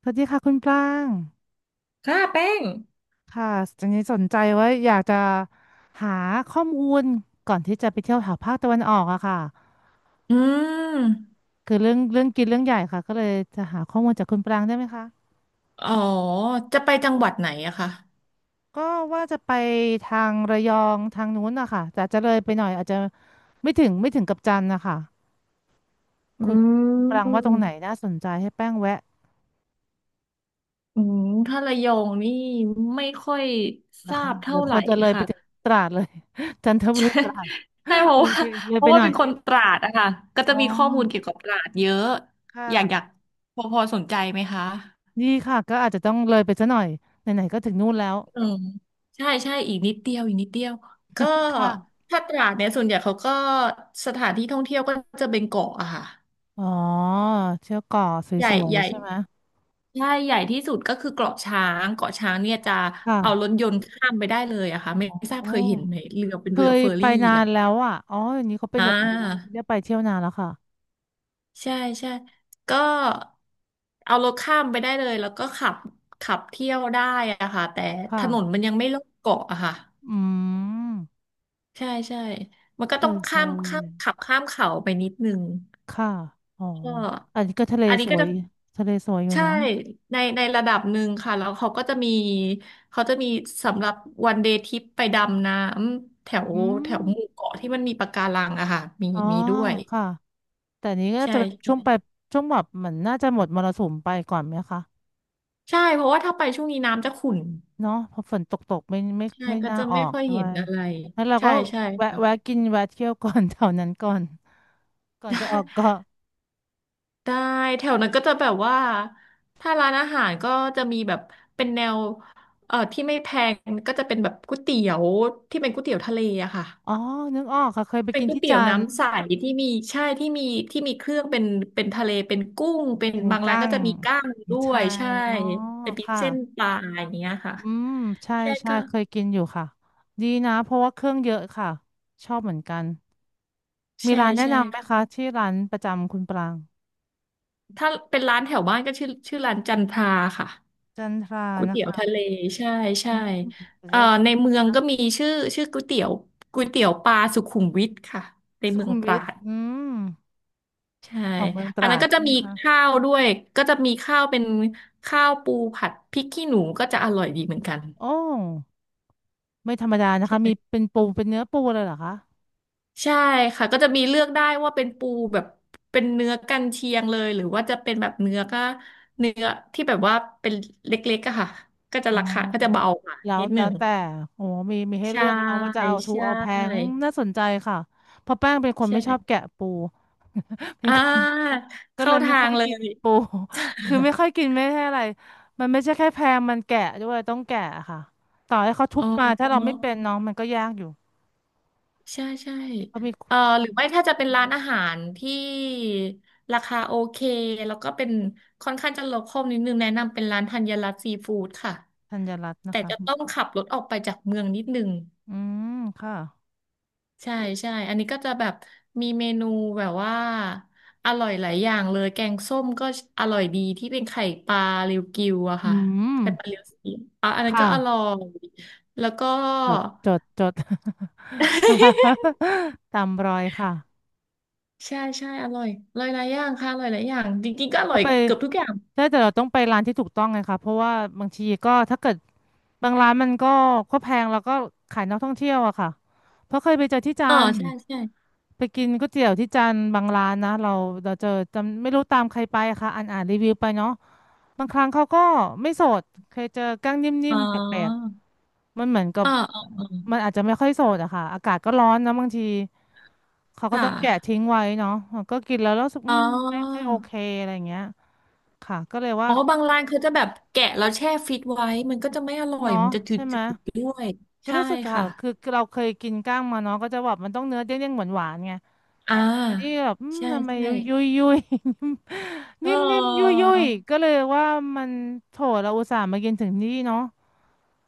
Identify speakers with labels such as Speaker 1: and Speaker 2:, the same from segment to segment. Speaker 1: สวัสดีค่ะคุณปลาง
Speaker 2: ค่ะแป้ง
Speaker 1: ค่ะตอนนี้สนใจว่าอยากจะหาข้อมูลก่อนที่จะไปเที่ยวแถวภาคตะวันออกอะค่ะ
Speaker 2: อืม
Speaker 1: คือเรื่องกินเรื่องใหญ่ค่ะก็เลยจะหาข้อมูลจากคุณปลางได้ไหมคะ
Speaker 2: อ๋อจะไปจังหวัดไหนอะคะ
Speaker 1: ก็ว่าจะไปทางระยองทางนู้นอะค่ะแต่จะเลยไปหน่อยอาจจะไม่ถึงกับจันทร์นะคะ
Speaker 2: อื
Speaker 1: คุณคุณปรางว่า
Speaker 2: ม
Speaker 1: ตรงไหนน่าสนใจให้แป้งแวะ
Speaker 2: อืมถ้าระยองนี่ไม่ค่อยท
Speaker 1: นะ
Speaker 2: รา
Speaker 1: คะ
Speaker 2: บ
Speaker 1: หรื
Speaker 2: เท่า
Speaker 1: อ
Speaker 2: ไห
Speaker 1: ค
Speaker 2: ร่
Speaker 1: วรจะเลยไป
Speaker 2: ค่ะ
Speaker 1: ถึงตราดเลย จันท บุ
Speaker 2: ใช่
Speaker 1: รีตราด
Speaker 2: ใช่เพ
Speaker 1: เล
Speaker 2: ราะ
Speaker 1: ย
Speaker 2: ว่า
Speaker 1: ไปเลยไปหน่อ
Speaker 2: เป็
Speaker 1: ย
Speaker 2: นคนตราดอะค่ะก็
Speaker 1: อ๋
Speaker 2: จะ
Speaker 1: อ
Speaker 2: มีข้อมูลเกี่ยวกับตราดเยอะ
Speaker 1: ค่ะ
Speaker 2: อยากอยากพอพอสนใจไหมคะ
Speaker 1: ดีค่ะก็อาจจะต้องเลยไปซะหน่อยไหนๆก็ถึงนู่นแล้ว
Speaker 2: อืมใช่ใช่อีกนิดเดียวอีกนิดเดียวก็
Speaker 1: ค่ะ
Speaker 2: ถ้าตราดเนี่ยส่วนใหญ่เขาก็สถานที่ท่องเที่ยวก็จะเป็นเกาะอะค่ะ
Speaker 1: อ๋อเที่ยวเกาะส
Speaker 2: ใหญ่
Speaker 1: วย
Speaker 2: ใหญ่
Speaker 1: ๆใช่ไหม
Speaker 2: ใช่ใหญ่ที่สุดก็คือเกาะช้างเกาะช้างเนี่ยจะเอารถ
Speaker 1: ค่ะ
Speaker 2: ยนต์ข้ามไปได้เลยอะค่ะไม่ทรา
Speaker 1: โอ
Speaker 2: บเคยเห็นไหม
Speaker 1: ้
Speaker 2: เรือเป็น
Speaker 1: เค
Speaker 2: เรือ
Speaker 1: ย
Speaker 2: เฟอร์
Speaker 1: ไป
Speaker 2: รี่
Speaker 1: นาน
Speaker 2: อะ
Speaker 1: แล้วอ่ะอ๋ออย่างนี้เขาเป็น
Speaker 2: อ่
Speaker 1: แบบนี้แล้วไม่
Speaker 2: า
Speaker 1: ได้ไปเที่ยวนานแล้วค่ะ
Speaker 2: ใช่ใช่ก็เอารถข้ามไปได้เลยแล้วก็ขับขับเที่ยวได้อะค่ะแต่ถนน
Speaker 1: ค่ะ
Speaker 2: มันยังไม่รอบเกาะอะค่ะ
Speaker 1: อืม
Speaker 2: ใช่ใช่มันก็
Speaker 1: เค
Speaker 2: ต้อง
Speaker 1: ยไป
Speaker 2: ข้ามข้ามขับข้ามเขาไปนิดนึง
Speaker 1: ค่ะอ๋อ
Speaker 2: ก็
Speaker 1: อันนี้ก็ทะเล
Speaker 2: อันนี้
Speaker 1: ส
Speaker 2: ก็
Speaker 1: วย
Speaker 2: จะ
Speaker 1: ทะเลสวยอยู่
Speaker 2: ใช่
Speaker 1: เนาะ
Speaker 2: ในในระดับหนึ่งค่ะแล้วเขาก็จะมีเขาจะมีสำหรับวันเดย์ทริปไปดำน้ำแถ
Speaker 1: อื
Speaker 2: วแถว
Speaker 1: ม
Speaker 2: หมู่เกาะที่มันมีปะการังอะค่ะมี
Speaker 1: อ๋อ
Speaker 2: มีด้วย
Speaker 1: ค่ะแต่อันนี้ก็
Speaker 2: ใช่
Speaker 1: จะเป็นช่วงไป
Speaker 2: ใช่
Speaker 1: ช่วงแบบเหมือนน่าจะหมดมรสุมไปก่อนไหมคะ
Speaker 2: ใช่เพราะว่าถ้าไปช่วงนี้น้ำจะขุ่น
Speaker 1: เนาะพอฝนตกตกไม่ไม่
Speaker 2: ใช่
Speaker 1: ไม่
Speaker 2: ก็
Speaker 1: น่า
Speaker 2: จะ
Speaker 1: ออ
Speaker 2: ไม่
Speaker 1: ก
Speaker 2: ค่อย
Speaker 1: ด้
Speaker 2: เห็
Speaker 1: ว
Speaker 2: น
Speaker 1: ย
Speaker 2: อะไร
Speaker 1: แล้วเรา
Speaker 2: ใช่
Speaker 1: ก็
Speaker 2: ใช่
Speaker 1: แวะแวะกินแวะเที่ยวก่อน แถวนั้นก่อนก่อนจะออกเกาะ
Speaker 2: ได้ได้แถวนั้นก็จะแบบว่าถ้าร้านอาหารก็จะมีแบบเป็นแนวที่ไม่แพงก็จะเป็นแบบก๋วยเตี๋ยวที่เป็นก๋วยเตี๋ยวทะเลอะค่ะ
Speaker 1: อ๋อนึกออกค่ะเคยไป
Speaker 2: เป็น
Speaker 1: กิน
Speaker 2: ก๋วย
Speaker 1: ที่
Speaker 2: เตี๋ย
Speaker 1: จั
Speaker 2: ว
Speaker 1: นทร์
Speaker 2: น้ำใสที่มีใช่ที่มีเครื่องเป็นเป็นทะเลเป็นกุ้งเป็น
Speaker 1: เป็น
Speaker 2: บางร้าน
Speaker 1: กั้
Speaker 2: ก็
Speaker 1: ง
Speaker 2: จะมีก้างด้ว
Speaker 1: ใช่
Speaker 2: ยใช่
Speaker 1: อ๋อ
Speaker 2: เป็นพริก
Speaker 1: ค่ะ
Speaker 2: เส้นปลาอย่างเงี้ยค่ะ
Speaker 1: อืมใช่
Speaker 2: ใช่
Speaker 1: ใช่
Speaker 2: ก็
Speaker 1: เคยกินอยู่ค่ะดีนะเพราะว่าเครื่องเยอะค่ะชอบเหมือนกันมี
Speaker 2: ใช่
Speaker 1: ร้านแนะ
Speaker 2: ใช่
Speaker 1: นำไหมคะ
Speaker 2: ค่ะ
Speaker 1: ที่ร้านประจำคุณปราง
Speaker 2: ถ้าเป็นร้านแถวบ้านก็ชื่อชื่อร้านจันทราค่ะ
Speaker 1: จันทรา
Speaker 2: ก๋วย
Speaker 1: นะ
Speaker 2: เตี๋ยวทะเล
Speaker 1: คะ
Speaker 2: ใช่
Speaker 1: อื
Speaker 2: ใช่
Speaker 1: มเดี๋ยว
Speaker 2: เอ่อ
Speaker 1: จะ
Speaker 2: ในเมืองก็มีชื่อชื่อก๋วยเตี๋ยวปลาสุขุมวิทค่ะใน
Speaker 1: สุ
Speaker 2: เมือง
Speaker 1: ขุม
Speaker 2: ต
Speaker 1: วิ
Speaker 2: รา
Speaker 1: ท
Speaker 2: ด
Speaker 1: อืม
Speaker 2: ใช่
Speaker 1: ของเมืองต
Speaker 2: อัน
Speaker 1: รา
Speaker 2: นั้น
Speaker 1: ด
Speaker 2: ก็จะ
Speaker 1: ใช่ไหม
Speaker 2: มี
Speaker 1: คะ
Speaker 2: ข้าวด้วยก็จะมีข้าวเป็นข้าวปูผัดพริกขี้หนูก็จะอร่อยดีเหมือนกัน
Speaker 1: โอ้ ไม่ธรรมดานะ
Speaker 2: ใช่
Speaker 1: คะ
Speaker 2: ไหม
Speaker 1: มีเป็นปูเป็นเนื้อปูเลยเหรอคะ
Speaker 2: ใช่ค่ะก็จะมีเลือกได้ว่าเป็นปูแบบเป็นเนื้อกันเชียงเลยหรือว่าจะเป็นแบบเนื้อก็เนื้อที่แบบว่าเป็นเล็กๆอะค่ะก็
Speaker 1: อ๋
Speaker 2: จะ
Speaker 1: อ
Speaker 2: ราคาก็จะเบากว่า
Speaker 1: แล้ว
Speaker 2: นิดห
Speaker 1: แล้
Speaker 2: นึ่
Speaker 1: ว
Speaker 2: ง
Speaker 1: แต่โอ้มีมีให้
Speaker 2: ใช่
Speaker 1: เลือกเอาว่าจะเอาทู
Speaker 2: ใช
Speaker 1: เอาแพง
Speaker 2: ่
Speaker 1: น่าสนใจค่ะเพราะแป้งเป็นคนไม่ชอบ
Speaker 2: ใช่
Speaker 1: แกะปู เป็น
Speaker 2: อ่
Speaker 1: คน
Speaker 2: า
Speaker 1: ก็เล
Speaker 2: เข้า
Speaker 1: ยไม่
Speaker 2: ทา
Speaker 1: ค่อ
Speaker 2: ง
Speaker 1: ย
Speaker 2: เล
Speaker 1: กิน
Speaker 2: ย
Speaker 1: ปู คือไม่ค่อยกินไม่ใช่อะไรมันไม่ใช่แค่แพงมันแกะด้วยต้องแกะค่ะต่อให้เขา ทุ
Speaker 2: อ๋อ
Speaker 1: บมาถ้าเราไม่เป็นน้องมันก็ยากอยู่
Speaker 2: ใช่ใช่
Speaker 1: เขามี
Speaker 2: หรือไม่ถ้าจะเป็นร้านอาหารที่ราคาโอเคแล้วก็เป็นค่อนข้างจะโลคอลนิดนึงแนะนำเป็นร้านธัญรัตน์ซีฟู้ดค่ะ
Speaker 1: ธัญรัตน์นะ
Speaker 2: แต่
Speaker 1: คะ
Speaker 2: จะต้องขับรถออกไปจากเมืองนิดนึง
Speaker 1: อืมค่ะ
Speaker 2: ใช่ใช่อันนี้ก็จะแบบมีเมนูแบบว่าอร่อยหลายอย่างเลยแกงส้มก็อร่อยดีที่เป็นไข่ปลาเรียวกิวอะ
Speaker 1: อื
Speaker 2: ค่ะ
Speaker 1: ม
Speaker 2: ไข่ปลาเรียวสีอ่ะอัน
Speaker 1: ค
Speaker 2: นั้นก็อร่อ
Speaker 1: ่ะ
Speaker 2: ยแล้วก็
Speaker 1: จดจดจด ตามรอยค่ะ
Speaker 2: ใช่ใช่อร่อยอร่อยหลายอย่างค่ะอร่อยหลายอย่างจริงๆก็อ
Speaker 1: ก็
Speaker 2: ร่อย
Speaker 1: ไป
Speaker 2: เกือบทุกอย่าง
Speaker 1: ใช้แต่เราต้องไปร้านที่ถูกต้องไงคะเพราะว่าบางทีก็ถ้าเกิดบางร้านมันก็ก็แพงแล้วก็ขายนักท่องเที่ยวอะค่ะ เพราะเคยไปเจอที่จั
Speaker 2: อ๋อ
Speaker 1: นทร์
Speaker 2: ใช่ใช่
Speaker 1: ไปกินก๋วยเตี๋ยวที่จันทร์บางร้านนะเราเราเจอจำไม่รู้ตามใครไปอะค่ะอ่านรีวิวไปเนาะบางครั้งเขาก็ไม่สดเคยเจอกั้งนิ่
Speaker 2: อ๋
Speaker 1: ม
Speaker 2: อ
Speaker 1: ๆแปลกๆมันเหมือนกับ
Speaker 2: อ๋ออ๋ออ๋อ
Speaker 1: มันอาจจะไม่ค่อยสดอะค่ะอากาศก็ร้อนนะบางทีเขาก็
Speaker 2: ค่
Speaker 1: ต้องแกะ
Speaker 2: ะ
Speaker 1: ทิ้งไว้เนาะก็กินแล้วแล้วรู้สึก
Speaker 2: อ๋
Speaker 1: ไม่ค่อย
Speaker 2: อ
Speaker 1: โอเคอะไรอย่างเงี้ยค่ะก็เลยว่า
Speaker 2: อ๋อบางร้านเขาจะแบบแกะแล้วแช่ฟิตไว้มันก็จะไม่อร่อย
Speaker 1: เนาะ
Speaker 2: มันจะจื
Speaker 1: ใช่ไหม
Speaker 2: ดๆด้วย
Speaker 1: ก็
Speaker 2: ใช่
Speaker 1: รู้สึกค่ะ
Speaker 2: ค่ะ
Speaker 1: คือเราเคยกินก้างมาเนาะก็จะแบบมันต้องเนื้อเด้งๆหวานๆไง
Speaker 2: อ่า
Speaker 1: อันนี้แบบ
Speaker 2: ใช่
Speaker 1: ทำไม
Speaker 2: ใช่
Speaker 1: ยุยยุยยุย
Speaker 2: เอ
Speaker 1: นิ่มนิ่มยุย
Speaker 2: อ
Speaker 1: ยุยก็เลยว่ามันโถเราอุตส่าห์มากินถึงนี่เนาะ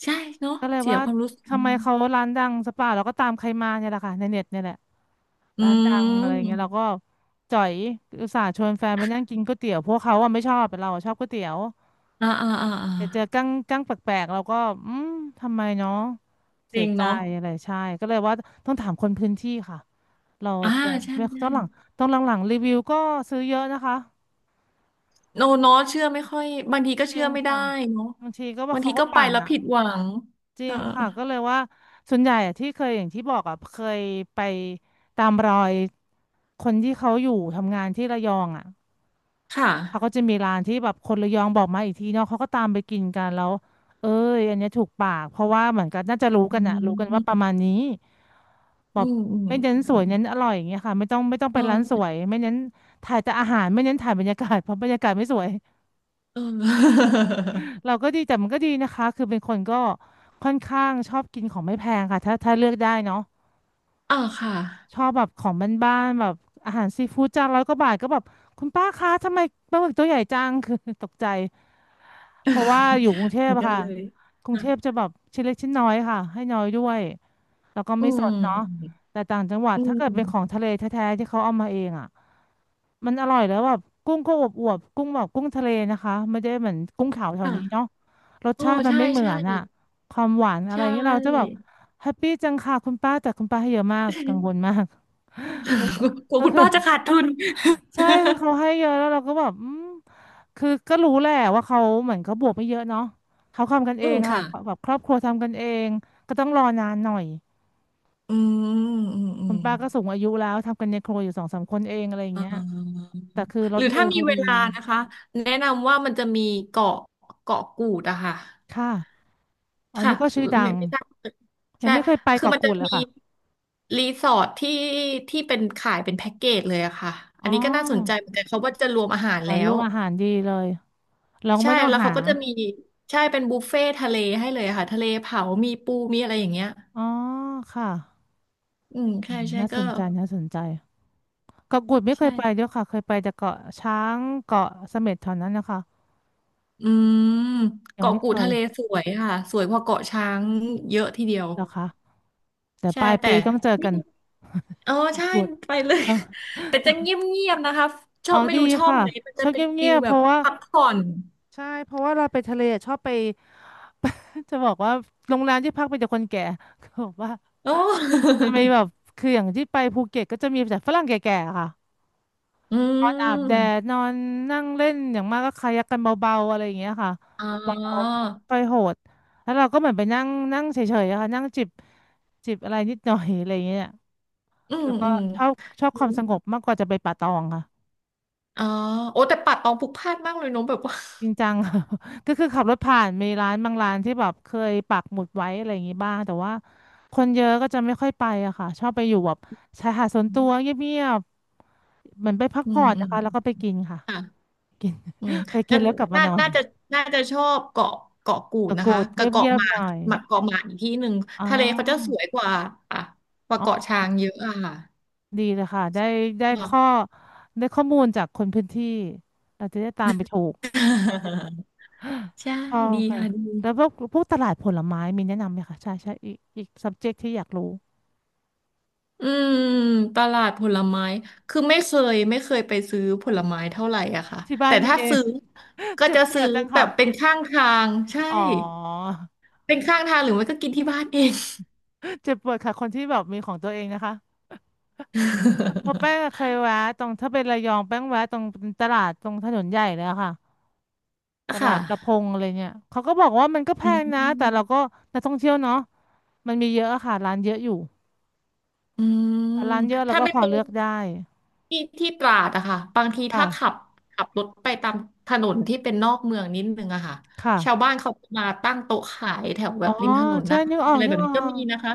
Speaker 2: ใช่เนาะ
Speaker 1: ก็เลย
Speaker 2: เสีย
Speaker 1: ว่า
Speaker 2: ความรู้สึก
Speaker 1: ทำไมเขาร้านดังสปาเราก็ตามใครมาเนี่ยแหละค่ะในเน็ตเนี่ยแหละ
Speaker 2: อื
Speaker 1: ร้านดังอะไรเงี้ยเรา
Speaker 2: ม
Speaker 1: ก็จ่อยอุตส่าห์ชวนแฟนไปนั่งกินก๋วยเตี๋ยวพวกเขาอะไม่ชอบแต่เราอะชอบก๋วยเตี๋ยว
Speaker 2: อ่าอ่าอ่าอ่า
Speaker 1: แต่เจอกั้งกั้งแปลกๆเราก็อืมทำไมเนาะ
Speaker 2: จ
Speaker 1: เสี
Speaker 2: ริ
Speaker 1: ย
Speaker 2: ง
Speaker 1: ใจ
Speaker 2: เนาะ
Speaker 1: อะไรใช่ก็เลยว่าต้องถามคนพื้นที่ค่ะเรา
Speaker 2: อ่า
Speaker 1: เจอ
Speaker 2: ใช่
Speaker 1: ไม่
Speaker 2: ใช่
Speaker 1: ต้องหลังต้องหลังๆรีวิวก็ซื้อเยอะนะคะ
Speaker 2: โนเนาะเชื่อไม่ค่อยบางทีก็
Speaker 1: จริ
Speaker 2: เชื่อ
Speaker 1: ง
Speaker 2: ไม่ได้
Speaker 1: ค่ะ
Speaker 2: เนาะ
Speaker 1: บางทีก็ว่า
Speaker 2: บาง
Speaker 1: เขา
Speaker 2: ที
Speaker 1: ก็
Speaker 2: ก็ไป
Speaker 1: ปั่น
Speaker 2: แล้ว
Speaker 1: อ่ะ
Speaker 2: ผิดหวัง
Speaker 1: จริ
Speaker 2: เออ
Speaker 1: งค่ะก็เลยว่าส่วนใหญ่อะที่เคยอย่างที่บอกอ่ะเคยไปตามรอยคนที่เขาอยู่ทำงานที่ระยองอ่ะ
Speaker 2: ค่ะ
Speaker 1: เขาก็จะมีร้านที่แบบคนระยองบอกมาอีกทีเนาะเขาก็ตามไปกินกันแล้วเอ้ยอันเนี้ยถูกปากเพราะว่าเหมือนกันน่าจะรู้
Speaker 2: อื
Speaker 1: กันอะรู้กันว่าประ
Speaker 2: ม
Speaker 1: มาณนี้แบ
Speaker 2: อื
Speaker 1: บ
Speaker 2: มอืม
Speaker 1: ไม่เน้น
Speaker 2: อื
Speaker 1: สว
Speaker 2: ม
Speaker 1: ยเน้นอร่อยอย่างเงี้ยค่ะไม่ต้อง
Speaker 2: เ
Speaker 1: ไปนร้านสว
Speaker 2: ออ
Speaker 1: ย ไม่เน้นถ่ายแต่อาหารไม่เน้นถ่ายบรรยากาศเพราะบรรยากาศไม่สวย
Speaker 2: เออ
Speaker 1: เราก็ดีแต่มันก็ดีนะคะคือเป็นคนก็ค่อนข้างชอบกินของไม่แพงค่ะถ้าเลือกได้เนาะ
Speaker 2: อ่าค่ะ
Speaker 1: ชอบแบบของบ้านๆแบบอาหารซีฟู้ดจานร้อยกว่าบาทก็แบบคุณป้าคะทำไมปลาหมึกตัวใหญ่จังคือ ตกใจ เพราะว่าอยู่กรุง เท
Speaker 2: เห
Speaker 1: พ
Speaker 2: มือน
Speaker 1: อะ
Speaker 2: กัน
Speaker 1: ค่ะ
Speaker 2: เลย
Speaker 1: กรุง
Speaker 2: ค่ะ
Speaker 1: เทพจะแบบชิ้นเล็กชิ้นน้อยค่ะให้น้อยด้วยแล้วก็
Speaker 2: อื
Speaker 1: ไม่สด
Speaker 2: ม
Speaker 1: เนาะแต่ต่างจังหวัด
Speaker 2: อื
Speaker 1: ถ้าเกิดเป็นของ
Speaker 2: ม
Speaker 1: ทะเลแท้ๆที่เขาเอามาเองอ่ะมันอร่อยแล้วแบบกุ้งก็อวบๆกุ้งแบบกุ้งทะเลนะคะไม่ได้เหมือนกุ้งขาวแถว
Speaker 2: ค่ะ
Speaker 1: นี้เนาะรส
Speaker 2: โอ้
Speaker 1: ชาติมัน
Speaker 2: ใช่
Speaker 1: ไม่เหมือ
Speaker 2: ใช่
Speaker 1: นอ่ะความหวานอะ
Speaker 2: ใช
Speaker 1: ไรเงี้ยเราจะแบบ
Speaker 2: ่
Speaker 1: แฮปปี้จังค่ะคุณป้าแต่คุณป้าให้เยอะมากกังวลมาก
Speaker 2: กลั ว
Speaker 1: ก็
Speaker 2: คุณ
Speaker 1: คือ
Speaker 2: ป้าจะขาดทุน
Speaker 1: ใช่คือเขาให้เยอะแล้วเราก็แบบอืมคือก็รู้แหละว่าเขาเหมือนเขาบวกไม่เยอะเนาะเขาทำกัน เอ
Speaker 2: อื
Speaker 1: ง
Speaker 2: ม
Speaker 1: ค่ะ
Speaker 2: ค่ะ
Speaker 1: แบบครอบครัวทำกันเองก็ต้องรอนานหน่อย
Speaker 2: อืมอืมอื
Speaker 1: คุ
Speaker 2: ม
Speaker 1: ณป้าก็สูงอายุแล้วทำกันในครัวอยู่สองสามคนเองอะไรอย่าง
Speaker 2: เอ่
Speaker 1: เงี้ย
Speaker 2: า
Speaker 1: แต่คือร
Speaker 2: หรื
Speaker 1: ส
Speaker 2: อ
Speaker 1: มื
Speaker 2: ถ้า
Speaker 1: อ
Speaker 2: มี
Speaker 1: เขา
Speaker 2: เว
Speaker 1: ดี
Speaker 2: ลานะคะแนะนำว่ามันจะมีเกาะเกาะกูดอะค่ะ
Speaker 1: ค่ะอ๋อ
Speaker 2: ค่ะ
Speaker 1: นี่ก็ชื่อดั
Speaker 2: ไม่
Speaker 1: ง
Speaker 2: ไม่ทราบ
Speaker 1: ยั
Speaker 2: ใช่
Speaker 1: งไม่เคยไป
Speaker 2: คือ
Speaker 1: เกาะ
Speaker 2: มันจะ
Speaker 1: กูดเลย
Speaker 2: มี
Speaker 1: ค่ะ
Speaker 2: รีสอร์ทที่ที่เป็นขายเป็นแพ็กเกจเลยอะค่ะ
Speaker 1: อ๋
Speaker 2: อันนี้ก็น่าสนใจ
Speaker 1: อ
Speaker 2: เหมือนกันเขาว่าจะรวมอาหาร
Speaker 1: หวา
Speaker 2: แล้
Speaker 1: นรู
Speaker 2: ว
Speaker 1: ปอาหารดีเลยเราก็
Speaker 2: ใช่
Speaker 1: ไม่ต้อง
Speaker 2: แล้ว
Speaker 1: หา
Speaker 2: เขาก็จะมีใช่เป็นบุฟเฟ่ทะเลให้เลยอะค่ะทะเลเผามีปูมีอะไรอย่างเงี้ย
Speaker 1: อ๋อค่ะ
Speaker 2: อืม
Speaker 1: อื
Speaker 2: ใช่
Speaker 1: ม
Speaker 2: ใช่
Speaker 1: น่าส
Speaker 2: ก็
Speaker 1: นใจน่าสนใจ เกาะกูดไม่เคยไปด้ว
Speaker 2: ใช่
Speaker 1: ยค่ะเคยไปแต่เกาะช้างเกาะเสม็ดเท่านั้นนะคะ
Speaker 2: อืม
Speaker 1: ยัง
Speaker 2: เกาะ
Speaker 1: ไม่
Speaker 2: กู
Speaker 1: เค
Speaker 2: ด
Speaker 1: ย
Speaker 2: ทะเลสวยค่ะสวยกว่าเกาะช้างเยอะทีเดียว
Speaker 1: เหรอคะแต่ป
Speaker 2: ใช่
Speaker 1: ลาย
Speaker 2: แต่
Speaker 1: ปีต้องเจอ
Speaker 2: ไม่
Speaker 1: กัน
Speaker 2: อ๋อ
Speaker 1: เกาะ
Speaker 2: ใช่
Speaker 1: กูด
Speaker 2: ไปเลย
Speaker 1: ต้อง
Speaker 2: แต่จะเงียบๆนะคะชอ
Speaker 1: เอา
Speaker 2: บไม่รู้
Speaker 1: ดี
Speaker 2: ชอบ
Speaker 1: ค่ะ
Speaker 2: ไหมมัน
Speaker 1: ช
Speaker 2: จะ
Speaker 1: อบเ
Speaker 2: เป็นฟิ
Speaker 1: งีย
Speaker 2: ล
Speaker 1: บๆ
Speaker 2: แบ
Speaker 1: เพ
Speaker 2: บ
Speaker 1: ราะว่า
Speaker 2: พักผ่อน
Speaker 1: ใช่เพราะว่าเราไปทะเลชอบไป จะบอกว่าโรงแรมที่พักไปแต่คนแก่ เขาบอกว่า
Speaker 2: โอ้
Speaker 1: มันมีแบบคืออย่างที่ไปภูเก็ตก็จะมีแต่ฝรั่งแก่ๆค่ะ
Speaker 2: อื
Speaker 1: นอนอาบแดด
Speaker 2: ม
Speaker 1: นอนนั่งเล่นอย่างมากก็คายักกันเบาๆอะไรอย่างเงี้ยค่ะ
Speaker 2: อ๋อ
Speaker 1: เบาๆไม่ค่อยโหดแล้วเราก็เหมือนไปนั่งนั่งเฉยๆอะค่ะนั่งจิบอะไรนิดหน่อยอะไรอย่างเงี้ย
Speaker 2: อืม
Speaker 1: แล้วก็
Speaker 2: อืม
Speaker 1: ชอบชอบ
Speaker 2: อ
Speaker 1: ความ
Speaker 2: ม
Speaker 1: สงบมากกว่าจะไปป่าตองค่ะ
Speaker 2: อ๋อโอ้แต่ป่าตองผูกพล่านมากเลยเนอะแบบว่า
Speaker 1: จริงจัง ค่ะ ก็คือขับรถผ่านมีร้านบางร้านที่แบบเคยปักหมุดไว้อะไรอย่างงี้บ้างแต่ว่าคนเยอะก็จะไม่ค่อยไปอะค่ะชอบไปอยู่แบบชายหาดส่วนตัว เงียบๆเหมือนไปพัก
Speaker 2: อื
Speaker 1: ผ่อ
Speaker 2: ม
Speaker 1: น
Speaker 2: อื
Speaker 1: นะ
Speaker 2: ม
Speaker 1: คะแล้วก็ไปกินค่ะ
Speaker 2: ค่ะ
Speaker 1: กิน
Speaker 2: อืม
Speaker 1: ไปกิ
Speaker 2: งั้
Speaker 1: น
Speaker 2: น
Speaker 1: แล้วกลับมา
Speaker 2: น่า
Speaker 1: นอน
Speaker 2: น่าจะน่าจะชอบเกาะเกาะกูด
Speaker 1: ตะ
Speaker 2: นะ
Speaker 1: กรุ
Speaker 2: คะ
Speaker 1: ดเ
Speaker 2: กับเกาะ
Speaker 1: งีย
Speaker 2: ห
Speaker 1: บ
Speaker 2: มา
Speaker 1: ๆห
Speaker 2: ก
Speaker 1: น่อย
Speaker 2: หมากเกาะหมากอีกที่หนึ่ง
Speaker 1: อ๋อ
Speaker 2: ทะเลเขาจะสวยกว่าอ่ะกว่า
Speaker 1: อ๋อ
Speaker 2: เกาะช้างเยอะอ่ะ
Speaker 1: ดีเลยค่ะได้ได้ข้อ
Speaker 2: ค่
Speaker 1: ได้ข้อมูลจากคนพื้นที่เราจะได้ตามไปถูก
Speaker 2: ะ ใช่
Speaker 1: ชอบ
Speaker 2: ดี
Speaker 1: ค่ะ
Speaker 2: ค่ะดี
Speaker 1: แล้วพวกตลาดผลไม้มีแนะนำไหมคะ ใช่ใช่อีก subject ที่อยากรู้
Speaker 2: อืมตลาดผลไม้คือไม่เคยไม่เคยไปซื้อผลไม้เท่าไหร่อะค่ะ
Speaker 1: ที่บ้าน
Speaker 2: แต่
Speaker 1: มี
Speaker 2: ถ้า
Speaker 1: เอง
Speaker 2: ซื้อก็
Speaker 1: เจ็บ
Speaker 2: จะ
Speaker 1: ป
Speaker 2: ซื้
Speaker 1: ว
Speaker 2: อ
Speaker 1: ดจัง
Speaker 2: แบ
Speaker 1: ค่ะ
Speaker 2: บเป็นข้างทางใช่
Speaker 1: อ๋อ
Speaker 2: เป็นข้างทางหรือไม่ก็กินที่บ้านเอง
Speaker 1: เจ็บปวดค่ะ คนที่แบบมีของตัวเองนะคะเพราะแป้งอะเคยแวะตรงถ้าเป็นระยองแป้งแวะตรงตลาดตรงถนนใหญ่เลยอะค่ะ ต
Speaker 2: ค่
Speaker 1: ลาดกระพง
Speaker 2: ะ
Speaker 1: อะไรเนี่ยเขาก็บอกว่ามันก็แพ
Speaker 2: อื
Speaker 1: งนะแต่เรา
Speaker 2: ม
Speaker 1: ก็นักท่องเที่ยวเนาะ มันมีเยอะอะค่ะร้านเยอะอยู่
Speaker 2: อืม
Speaker 1: ร้านเยอะแล้ว
Speaker 2: ถ้า
Speaker 1: ก็
Speaker 2: เป็
Speaker 1: พ
Speaker 2: น
Speaker 1: อ
Speaker 2: ตรง
Speaker 1: เลือกได้
Speaker 2: ที่ที่ตราดอะค่ะบางทีถ้าขั
Speaker 1: ค่ะ
Speaker 2: บขับรถไปตามถนนที่เป็นนอกเมืองนิดนึงอะค่ะ
Speaker 1: ค่ะ
Speaker 2: ชาวบ้านเขาจะมาตั้งโต๊ะขายแถวแบ
Speaker 1: อ๋อ
Speaker 2: บริมถนนห
Speaker 1: ใช่
Speaker 2: น้า
Speaker 1: นึก
Speaker 2: บ้า
Speaker 1: อ
Speaker 2: น
Speaker 1: อก
Speaker 2: อะไร
Speaker 1: นึ
Speaker 2: แบ
Speaker 1: ก
Speaker 2: บ
Speaker 1: อ
Speaker 2: นี้
Speaker 1: อ
Speaker 2: ก็
Speaker 1: ก
Speaker 2: มีนะคะ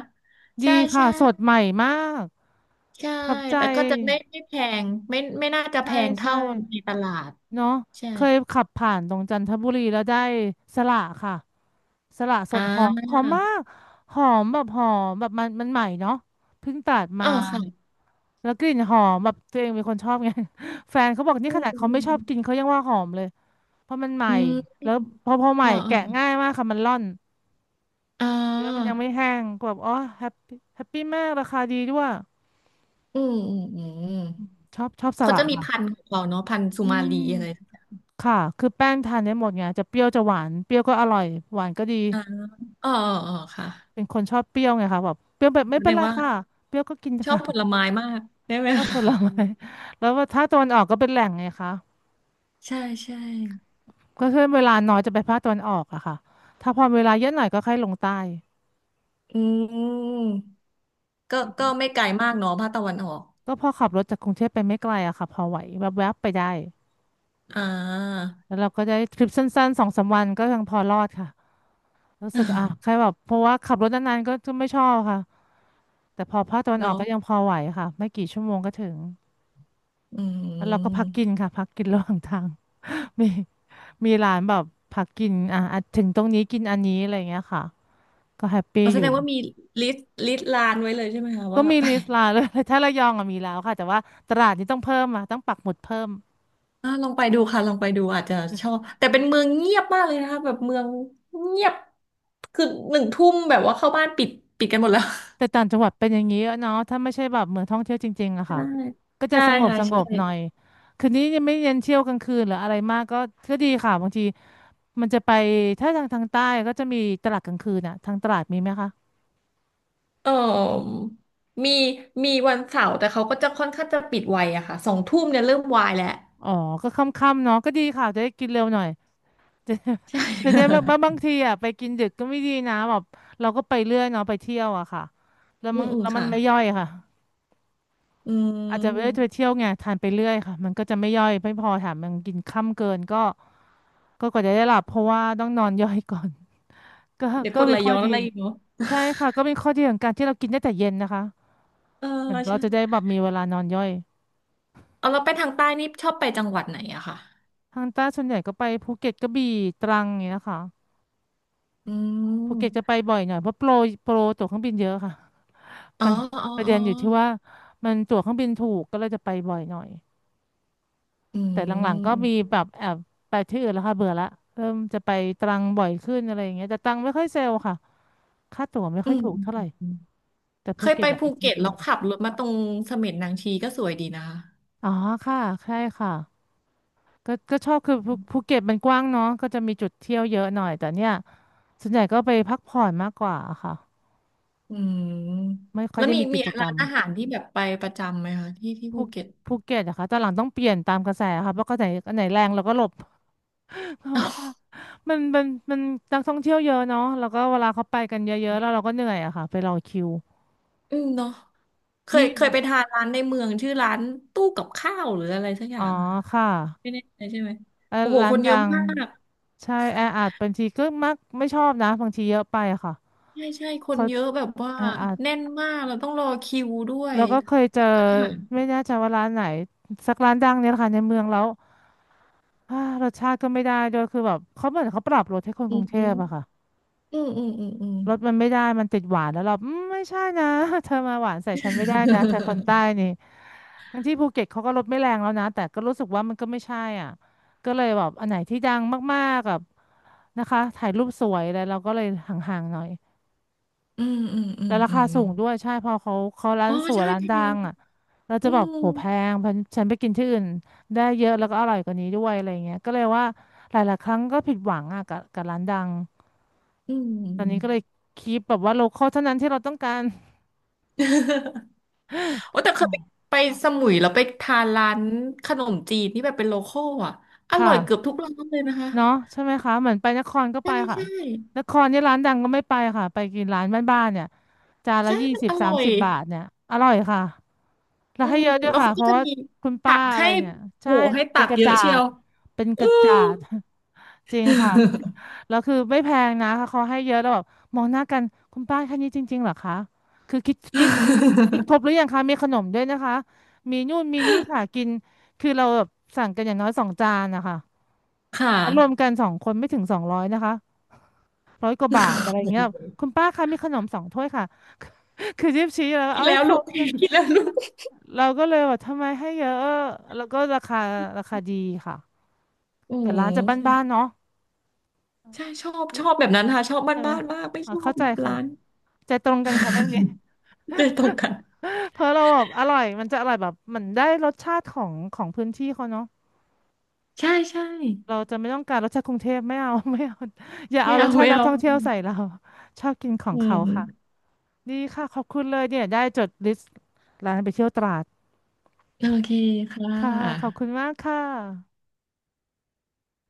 Speaker 1: ดี
Speaker 2: ใช่
Speaker 1: ค่ะ
Speaker 2: ใช่
Speaker 1: สดใหม่มาก
Speaker 2: ใช่
Speaker 1: ทับใจ
Speaker 2: แต่ก็จะไม่แพงไม่น่าจะแพ
Speaker 1: ใช่
Speaker 2: ง
Speaker 1: ใช่
Speaker 2: เท่าในตลาด
Speaker 1: เนาะ
Speaker 2: ใช่
Speaker 1: เคยขับผ่านตรงจันทบุรีแล้วได้สละค่ะสละส
Speaker 2: อ่า
Speaker 1: ดหอมหอมมากหอมแบบหอมแบบมันมันใหม่เนาะเพิ่งตัด
Speaker 2: เอ
Speaker 1: มา
Speaker 2: อค่ะ
Speaker 1: แล้วกลิ่นหอมแบบตัวเองเป็นคนชอบไง แฟนเขาบอกนี่
Speaker 2: อื
Speaker 1: ข
Speaker 2: ม
Speaker 1: นาด
Speaker 2: อื
Speaker 1: เขาไม่
Speaker 2: ม
Speaker 1: ชอบกินเขายังว่าหอมเลย เพราะมันใหม่
Speaker 2: อืมอื
Speaker 1: แล้ว
Speaker 2: ม
Speaker 1: พอใหม่
Speaker 2: อ่าอ่า
Speaker 1: แกะง่ายมากค่ะมันร่อน
Speaker 2: อ
Speaker 1: เนื้อมันยัง
Speaker 2: า
Speaker 1: ไม่แห้งก็แบบอ๋อแฮปปี้มากราคาดีด้วย
Speaker 2: อืมอืมอืม
Speaker 1: ชอบส
Speaker 2: เขา
Speaker 1: ลั
Speaker 2: จะ
Speaker 1: ด
Speaker 2: มี
Speaker 1: ค่ะ
Speaker 2: พันธุ์ของเขาเนาะพันธุ์สุ
Speaker 1: อื
Speaker 2: มาลี
Speaker 1: ม
Speaker 2: อะไร
Speaker 1: ค่ะคือแป้งทานได้หมดไงจะเปรี้ยวจะหวานเปรี้ยวก็อร่อยหวานก็ดี
Speaker 2: อ่าอ๋ออ๋ออ๋อค่ะ
Speaker 1: เป็นคนชอบเปรี้ยวไงค่ะแบบเปรี้ยวแบบไม่
Speaker 2: แส
Speaker 1: เป็
Speaker 2: ด
Speaker 1: น
Speaker 2: ง
Speaker 1: ไร
Speaker 2: ว่า
Speaker 1: ค่ะเปรี้ยวก็กิน
Speaker 2: ชอบ
Speaker 1: ค่ะ
Speaker 2: ผลไม้มากได้ไหม
Speaker 1: ชอบผ
Speaker 2: คะ
Speaker 1: ล
Speaker 2: อื
Speaker 1: ไม้
Speaker 2: ม
Speaker 1: แล้วว่าถ้าตะวันออกก็เป็นแหล่งไงคะ
Speaker 2: ใช่ใช่
Speaker 1: ก็คือเวลาน้อยจะไปภาคตะวันออกอะค่ะถ้าพอเวลาเยอะหน่อยก็ค่อยลงใต้
Speaker 2: อืมก็ไม่ไกลมากเนาะภาคตะวันออก
Speaker 1: ก็พอขับรถจากกรุงเทพไปไม่ไกลอะค่ะพอไหวแวบๆไปได้
Speaker 2: อ่า
Speaker 1: แล้วเราก็ได้ทริปสั้นๆสองสามวันก็ยังพอรอดค่ะรู้สึกอ่ะใค รแบบเพราะว่าขับรถนานๆก็จะไม่ชอบค่ะแต่พอภาคตะวันออก
Speaker 2: เนาะ
Speaker 1: ก็ยังพอไหวค่ะไม่กี่ชั่วโมงก็ถึง
Speaker 2: อื
Speaker 1: แล้วเราก็พักกิน
Speaker 2: ม
Speaker 1: ค่ะพักกินระหว่างทาง มีมีร้านแบบพักกินอ่ะอ่ะถึงตรงนี้กินอันนี้อะไรอย่างเงี้ยค่ะก็แฮปปี้
Speaker 2: อ๋อ
Speaker 1: อ
Speaker 2: แส
Speaker 1: ยู่
Speaker 2: ดงว่ามีลิสต์ลานไว้เลยใช่ไหมคะ
Speaker 1: ก็
Speaker 2: ว่า
Speaker 1: มี
Speaker 2: ไป
Speaker 1: ลิส ต์ร้าน เลย ถ้าระยองอะมีแล้วค่ะแต่ว่าตราดนี้ต้องเพิ่มอ่ะต้องปักหมุดเพิ่ม
Speaker 2: อ่าลองไปดูค่ะลองไปดูอาจจะชอบแต่เป็นเมืองเงียบมากเลยนะคะแบบเมืองเงียบคือ1 ทุ่มแบบว่าเข้าบ้านปิดกันหมดแล้ว
Speaker 1: แต่ต่างจังหวัดเป็นอย่างนี้อะเนาะถ้าไม่ใช่แบบเหมือนท่องเที่ยวจริงๆอะค่ะ
Speaker 2: ใช่
Speaker 1: ก็จะ
Speaker 2: ใช่
Speaker 1: สงบ
Speaker 2: ค่ะ
Speaker 1: สง
Speaker 2: ใช่
Speaker 1: บหน่อยคืนนี้ยังไม่เน้นเที่ยวกลางคืนหรืออะไรมากก็ก็ดีค่ะบางทีมันจะไปถ้าทางใต้ก็จะมีตลาดกลางคืนอะทางตลาดมีไหมคะ
Speaker 2: เออมีมีวันเสาร์แต่เขาก็จะค่อนข้างจะปิดไวอะค่ะ2 ทุ่มเนี่ยเริ่มวายแล้ว
Speaker 1: อ๋อก็ค่ำๆเนาะก็ดีค่ะจะได้กินเร็วหน่อย
Speaker 2: ใช่
Speaker 1: แต่ได้บางทีอะไปกินดึกก็ไม่ดีนะแบบเราก็ไปเรื่อยเนาะไปเที่ยวอะค่ะแล้ว
Speaker 2: อื
Speaker 1: มั
Speaker 2: ม
Speaker 1: น
Speaker 2: อืม
Speaker 1: แล้วมัน
Speaker 2: ค่ะ
Speaker 1: ไม่ย่อยค่ะ
Speaker 2: อื
Speaker 1: อาจจะไม่ได้ไป
Speaker 2: ม
Speaker 1: เที่ยวไงทานไปเรื่อยค่ะมันก็จะไม่ย่อยไม่พอแถมมันกินค่ำเกินก็ ก็กว่าจะได้หลับเพราะว่าต้องนอนย่อยก่อน ก็
Speaker 2: เดี๋ยวก
Speaker 1: ก็
Speaker 2: ดไห
Speaker 1: มี
Speaker 2: ล
Speaker 1: ข้อ
Speaker 2: ย้อน
Speaker 1: ดี
Speaker 2: อะไรอีกเนาะ
Speaker 1: ใช่ค่ะก็มีข้อดีของการที่เรากินได้แต่เย็นนะคะ
Speaker 2: เออ
Speaker 1: มันก็
Speaker 2: ใช่
Speaker 1: จะได้แบบมีเวลานอนย่อย
Speaker 2: เอาเราไปทางใต้นี่ชอบไปจังหวัดไหนอะค่ะ
Speaker 1: ทางใต้ส่วนใหญ่ก็ไปภูเก็ตกระบี่ตรังอย่างเงี้ยนะคะ
Speaker 2: อื
Speaker 1: ภูเก็ตจะไป
Speaker 2: ม
Speaker 1: บ่อยหน่อยเพราะโปรตั๋วเครื่องบินเยอะค่ะ
Speaker 2: อ๋อ
Speaker 1: ปะ
Speaker 2: อ๋อ
Speaker 1: ประ
Speaker 2: อ๋
Speaker 1: เด็
Speaker 2: อ
Speaker 1: นอยู่ที่ว่ามันตั๋วเครื่องบินถูกก็เลยจะไปบ่อยหน่อย
Speaker 2: อื
Speaker 1: แต่หลังๆก็มี
Speaker 2: ม
Speaker 1: แบบแอบไปที่อื่นแล้วค่ะเบื่อละเริ่มจะไปตรังบ่อยขึ้นอะไรอย่างเงี้ยแต่ตรังไม่ค่อยเซลล์ค่ะค่าตั๋วไม่
Speaker 2: อื
Speaker 1: ค่อย
Speaker 2: ม
Speaker 1: ถูก
Speaker 2: อืม
Speaker 1: เท่าไหร่
Speaker 2: อืม
Speaker 1: แต่
Speaker 2: เค
Speaker 1: ภู
Speaker 2: ย
Speaker 1: เก็
Speaker 2: ไป
Speaker 1: ตอยากไป
Speaker 2: ภู
Speaker 1: เี่
Speaker 2: เก็
Speaker 1: ย
Speaker 2: ตแล้
Speaker 1: บ่อ
Speaker 2: ว
Speaker 1: ย
Speaker 2: ขับรถมาตรงเสม็ดนางชีก็สวยดีนะคะ
Speaker 1: อ๋อค่ะใช่ค่ะก็ชอบคือภูเก็ตมันกว้างเนาะก็จะมีจุดเที่ยวเยอะหน่อยแต่เนี่ยส่วนใหญ่ก็ไปพักผ่อนมากกว่าค่ะ
Speaker 2: อืม
Speaker 1: ไม่ค่อย
Speaker 2: แล้ว
Speaker 1: ได้
Speaker 2: มี
Speaker 1: มีกิ
Speaker 2: มี
Speaker 1: จกร
Speaker 2: ร้า
Speaker 1: รม
Speaker 2: นอาหารที่แบบไปประจำไหมคะที่ที่
Speaker 1: ภู
Speaker 2: ภูเก็ต
Speaker 1: ภูเก็ตอะค่ะตอนหลังต้องเปลี่ยนตามกระแสค่ะเพราะก็ไหนอันไหนแรงเราก็หลบ เพราะว่ามันมันมันนักท่องเที่ยวเยอะเนาะแล้วก็เวลาเขาไปกันเยอะๆแล้วเราก็เหนื่อยอะค่ะไปรอคิว
Speaker 2: อืมเนาะเคย
Speaker 1: นี่
Speaker 2: เคยไปทานร้านในเมืองชื่อร้านตู้กับข้าวหรืออะไรสักอ
Speaker 1: อ๋
Speaker 2: ย่า
Speaker 1: อ
Speaker 2: งอะ
Speaker 1: ค่ะ
Speaker 2: ไม่แน่ใจใช่ไหมโอ้โห
Speaker 1: ร้า
Speaker 2: ค
Speaker 1: น
Speaker 2: นเย
Speaker 1: ดั
Speaker 2: อะ
Speaker 1: ง
Speaker 2: มาก
Speaker 1: ใช่แออัดบางทีก็มักไม่ชอบนะบางทีเยอะไปอะค่ะ
Speaker 2: ใช่ใช่คน
Speaker 1: เขา
Speaker 2: เยอะแบบว่า
Speaker 1: แออัด
Speaker 2: แน่นมากเราต้องรอคิวด้วย
Speaker 1: เราก็เคยเจอ
Speaker 2: อาหาร
Speaker 1: ไม่แน่ใจว่าร้านไหนสักร้านดังเนี่ยแหละค่ะในเมืองแล้ว อ่ารสชาติก็ไม่ได้ด้วยคือแบบเขาเหมือนเขาปรับรสให้คน
Speaker 2: อื
Speaker 1: ก
Speaker 2: ม
Speaker 1: รุงเท
Speaker 2: อื
Speaker 1: พ
Speaker 2: ม
Speaker 1: อะค่ะ
Speaker 2: อืมอืมอืม
Speaker 1: รสมันไม่ได้มันติดหวานแล้วเราอืมไม่ใช่นะ เธอมาหวานใส่ฉันไม่ได้นะเธอคนใต้ นี่ทั้งที่ภูเก็ตเขาก็รสไม่แรงแล้วนะแต่ก็รู้สึกว่ามันก็ไม่ใช่อ่ะก็เลยแบบอันไหนที่ดังมากๆกับนะคะถ่ายรูปสวยแลไรเราก็เลยห่างๆหน่อย
Speaker 2: อืมอืม อื
Speaker 1: แล้
Speaker 2: ม
Speaker 1: วรา
Speaker 2: อื
Speaker 1: คา
Speaker 2: ม
Speaker 1: สู
Speaker 2: เนาะ
Speaker 1: งด้วยใช่พอเขาเขาร้า
Speaker 2: อ๋
Speaker 1: น
Speaker 2: อ
Speaker 1: สวย
Speaker 2: ใช่
Speaker 1: ร้าน
Speaker 2: เพ
Speaker 1: ดั
Speaker 2: ลง
Speaker 1: งอ่ะเรา
Speaker 2: อื
Speaker 1: จะแบบ
Speaker 2: ม
Speaker 1: โหแพงเพราะฉันไปกินที่อื่นได้เยอะแล้วก็อร่อยกว่านี้ด้วยอะไรเงี้ยก็เลยว่าหลายๆครั้งก็ผิดหวังอ่ะกับร้านดัง
Speaker 2: อื
Speaker 1: ตอนนี้ก็เล
Speaker 2: ม
Speaker 1: ยคีปแบบว่าโลคอลเท่านั้นที่เราต้องการ
Speaker 2: โอ้แต่เคยไปสมุยแล้วไปทานร้านขนมจีนที่แบบเป็นโลคอลอ่ะอ
Speaker 1: ค
Speaker 2: ร่อยเกือบ
Speaker 1: ่ะ
Speaker 2: ทุกร้านเลยนะคะ
Speaker 1: เนาะใช่ไหมคะเหมือนไปนครก็ไป
Speaker 2: ใช่
Speaker 1: ค่ะ
Speaker 2: ใช่
Speaker 1: นครเนี่ยร้านดังก็ไม่ไปค่ะไปกินร้านบ้านๆเนี่ยจานละ
Speaker 2: ใช่
Speaker 1: ยี่
Speaker 2: มัน
Speaker 1: สิบ
Speaker 2: อ
Speaker 1: สา
Speaker 2: ร่
Speaker 1: ม
Speaker 2: อย
Speaker 1: สิบบาทเนี่ยอร่อยค่ะแล้ว
Speaker 2: อื
Speaker 1: ให้
Speaker 2: ม
Speaker 1: เยอะด้วย
Speaker 2: แล้ว
Speaker 1: ค่ะ
Speaker 2: เขา
Speaker 1: เพ
Speaker 2: ก็
Speaker 1: ราะ
Speaker 2: จะ
Speaker 1: ว่า
Speaker 2: มี
Speaker 1: คุณ
Speaker 2: ผั
Speaker 1: ป้า
Speaker 2: ก
Speaker 1: อะไร
Speaker 2: ให้
Speaker 1: เนี่ย
Speaker 2: โอ้
Speaker 1: ใช่
Speaker 2: โหให้
Speaker 1: เป็
Speaker 2: ตั
Speaker 1: น
Speaker 2: ก
Speaker 1: กระ
Speaker 2: เยอะ
Speaker 1: จา
Speaker 2: เชีย
Speaker 1: ด
Speaker 2: ว
Speaker 1: เป็นก
Speaker 2: อื
Speaker 1: ระ
Speaker 2: อ
Speaker 1: จาด จริงค่ะแล้วคือไม่แพงนะเขาให้เยอะแล้วแบบมองหน้ากันคุณป้าแค่นี้จริงๆเหรอคะคือคิดครบหรือยังคะมีขนมด้วยนะคะมีนู่นมีนี่ค่ะกินคือเราแบบสั่งกันอย่างน้อยสองจานนะคะ
Speaker 2: ค่ะ
Speaker 1: แล้วรวมกันส องคนไม่ถึง200นะคะ100 กว่าบาทอะไรเงี้ยคุณป้าคะมีขนมสองถ้วยค่ะ คือจิ๊บชี้แล้ว
Speaker 2: คิ
Speaker 1: เอา
Speaker 2: ด
Speaker 1: ให้
Speaker 2: แล้ว
Speaker 1: คร
Speaker 2: ลูก
Speaker 1: บ นะ
Speaker 2: คิดแล้วลูก
Speaker 1: เราก็เลยว่าทำไมให้เยอะแล้วก็ราคาราคาดีค่ะ
Speaker 2: อื
Speaker 1: แต่ร้านจะบ้าน
Speaker 2: ม
Speaker 1: ๆเนาะ
Speaker 2: ใช่ชอบแบบนั้นค่ะชอบบ้าน
Speaker 1: ใช่ไหม
Speaker 2: บามากไม่
Speaker 1: อ่า
Speaker 2: ชอบ
Speaker 1: เข้าใจค่ะ
Speaker 2: ร้าน
Speaker 1: ใจตรงกันค่ะเรื่องนี้
Speaker 2: เลยตรงกัน
Speaker 1: เพราะเราแบบอร่อยมันจะอร่อยแบบมันได้รสชาติของพื้นที่เขาเนาะ
Speaker 2: ใช่ใช่
Speaker 1: เราจะไม่ต้องการรสชาติกรุงเทพไม่เอา ไม่เอาอย่า
Speaker 2: ใช่ไม่
Speaker 1: เอาร
Speaker 2: เอา
Speaker 1: สชาติ
Speaker 2: ไม่
Speaker 1: นัก
Speaker 2: เอา
Speaker 1: ท่องเที่ยวใส่เราชอบกินของ
Speaker 2: อื
Speaker 1: เขาค่ะ
Speaker 2: ม
Speaker 1: ดีค่ะขอบคุณเลยเนี่ยได้จดลิสต์ร้านไปเที่ยวตราด
Speaker 2: โอเคค่ะ
Speaker 1: ค่ะขอบคุณมากค่ะ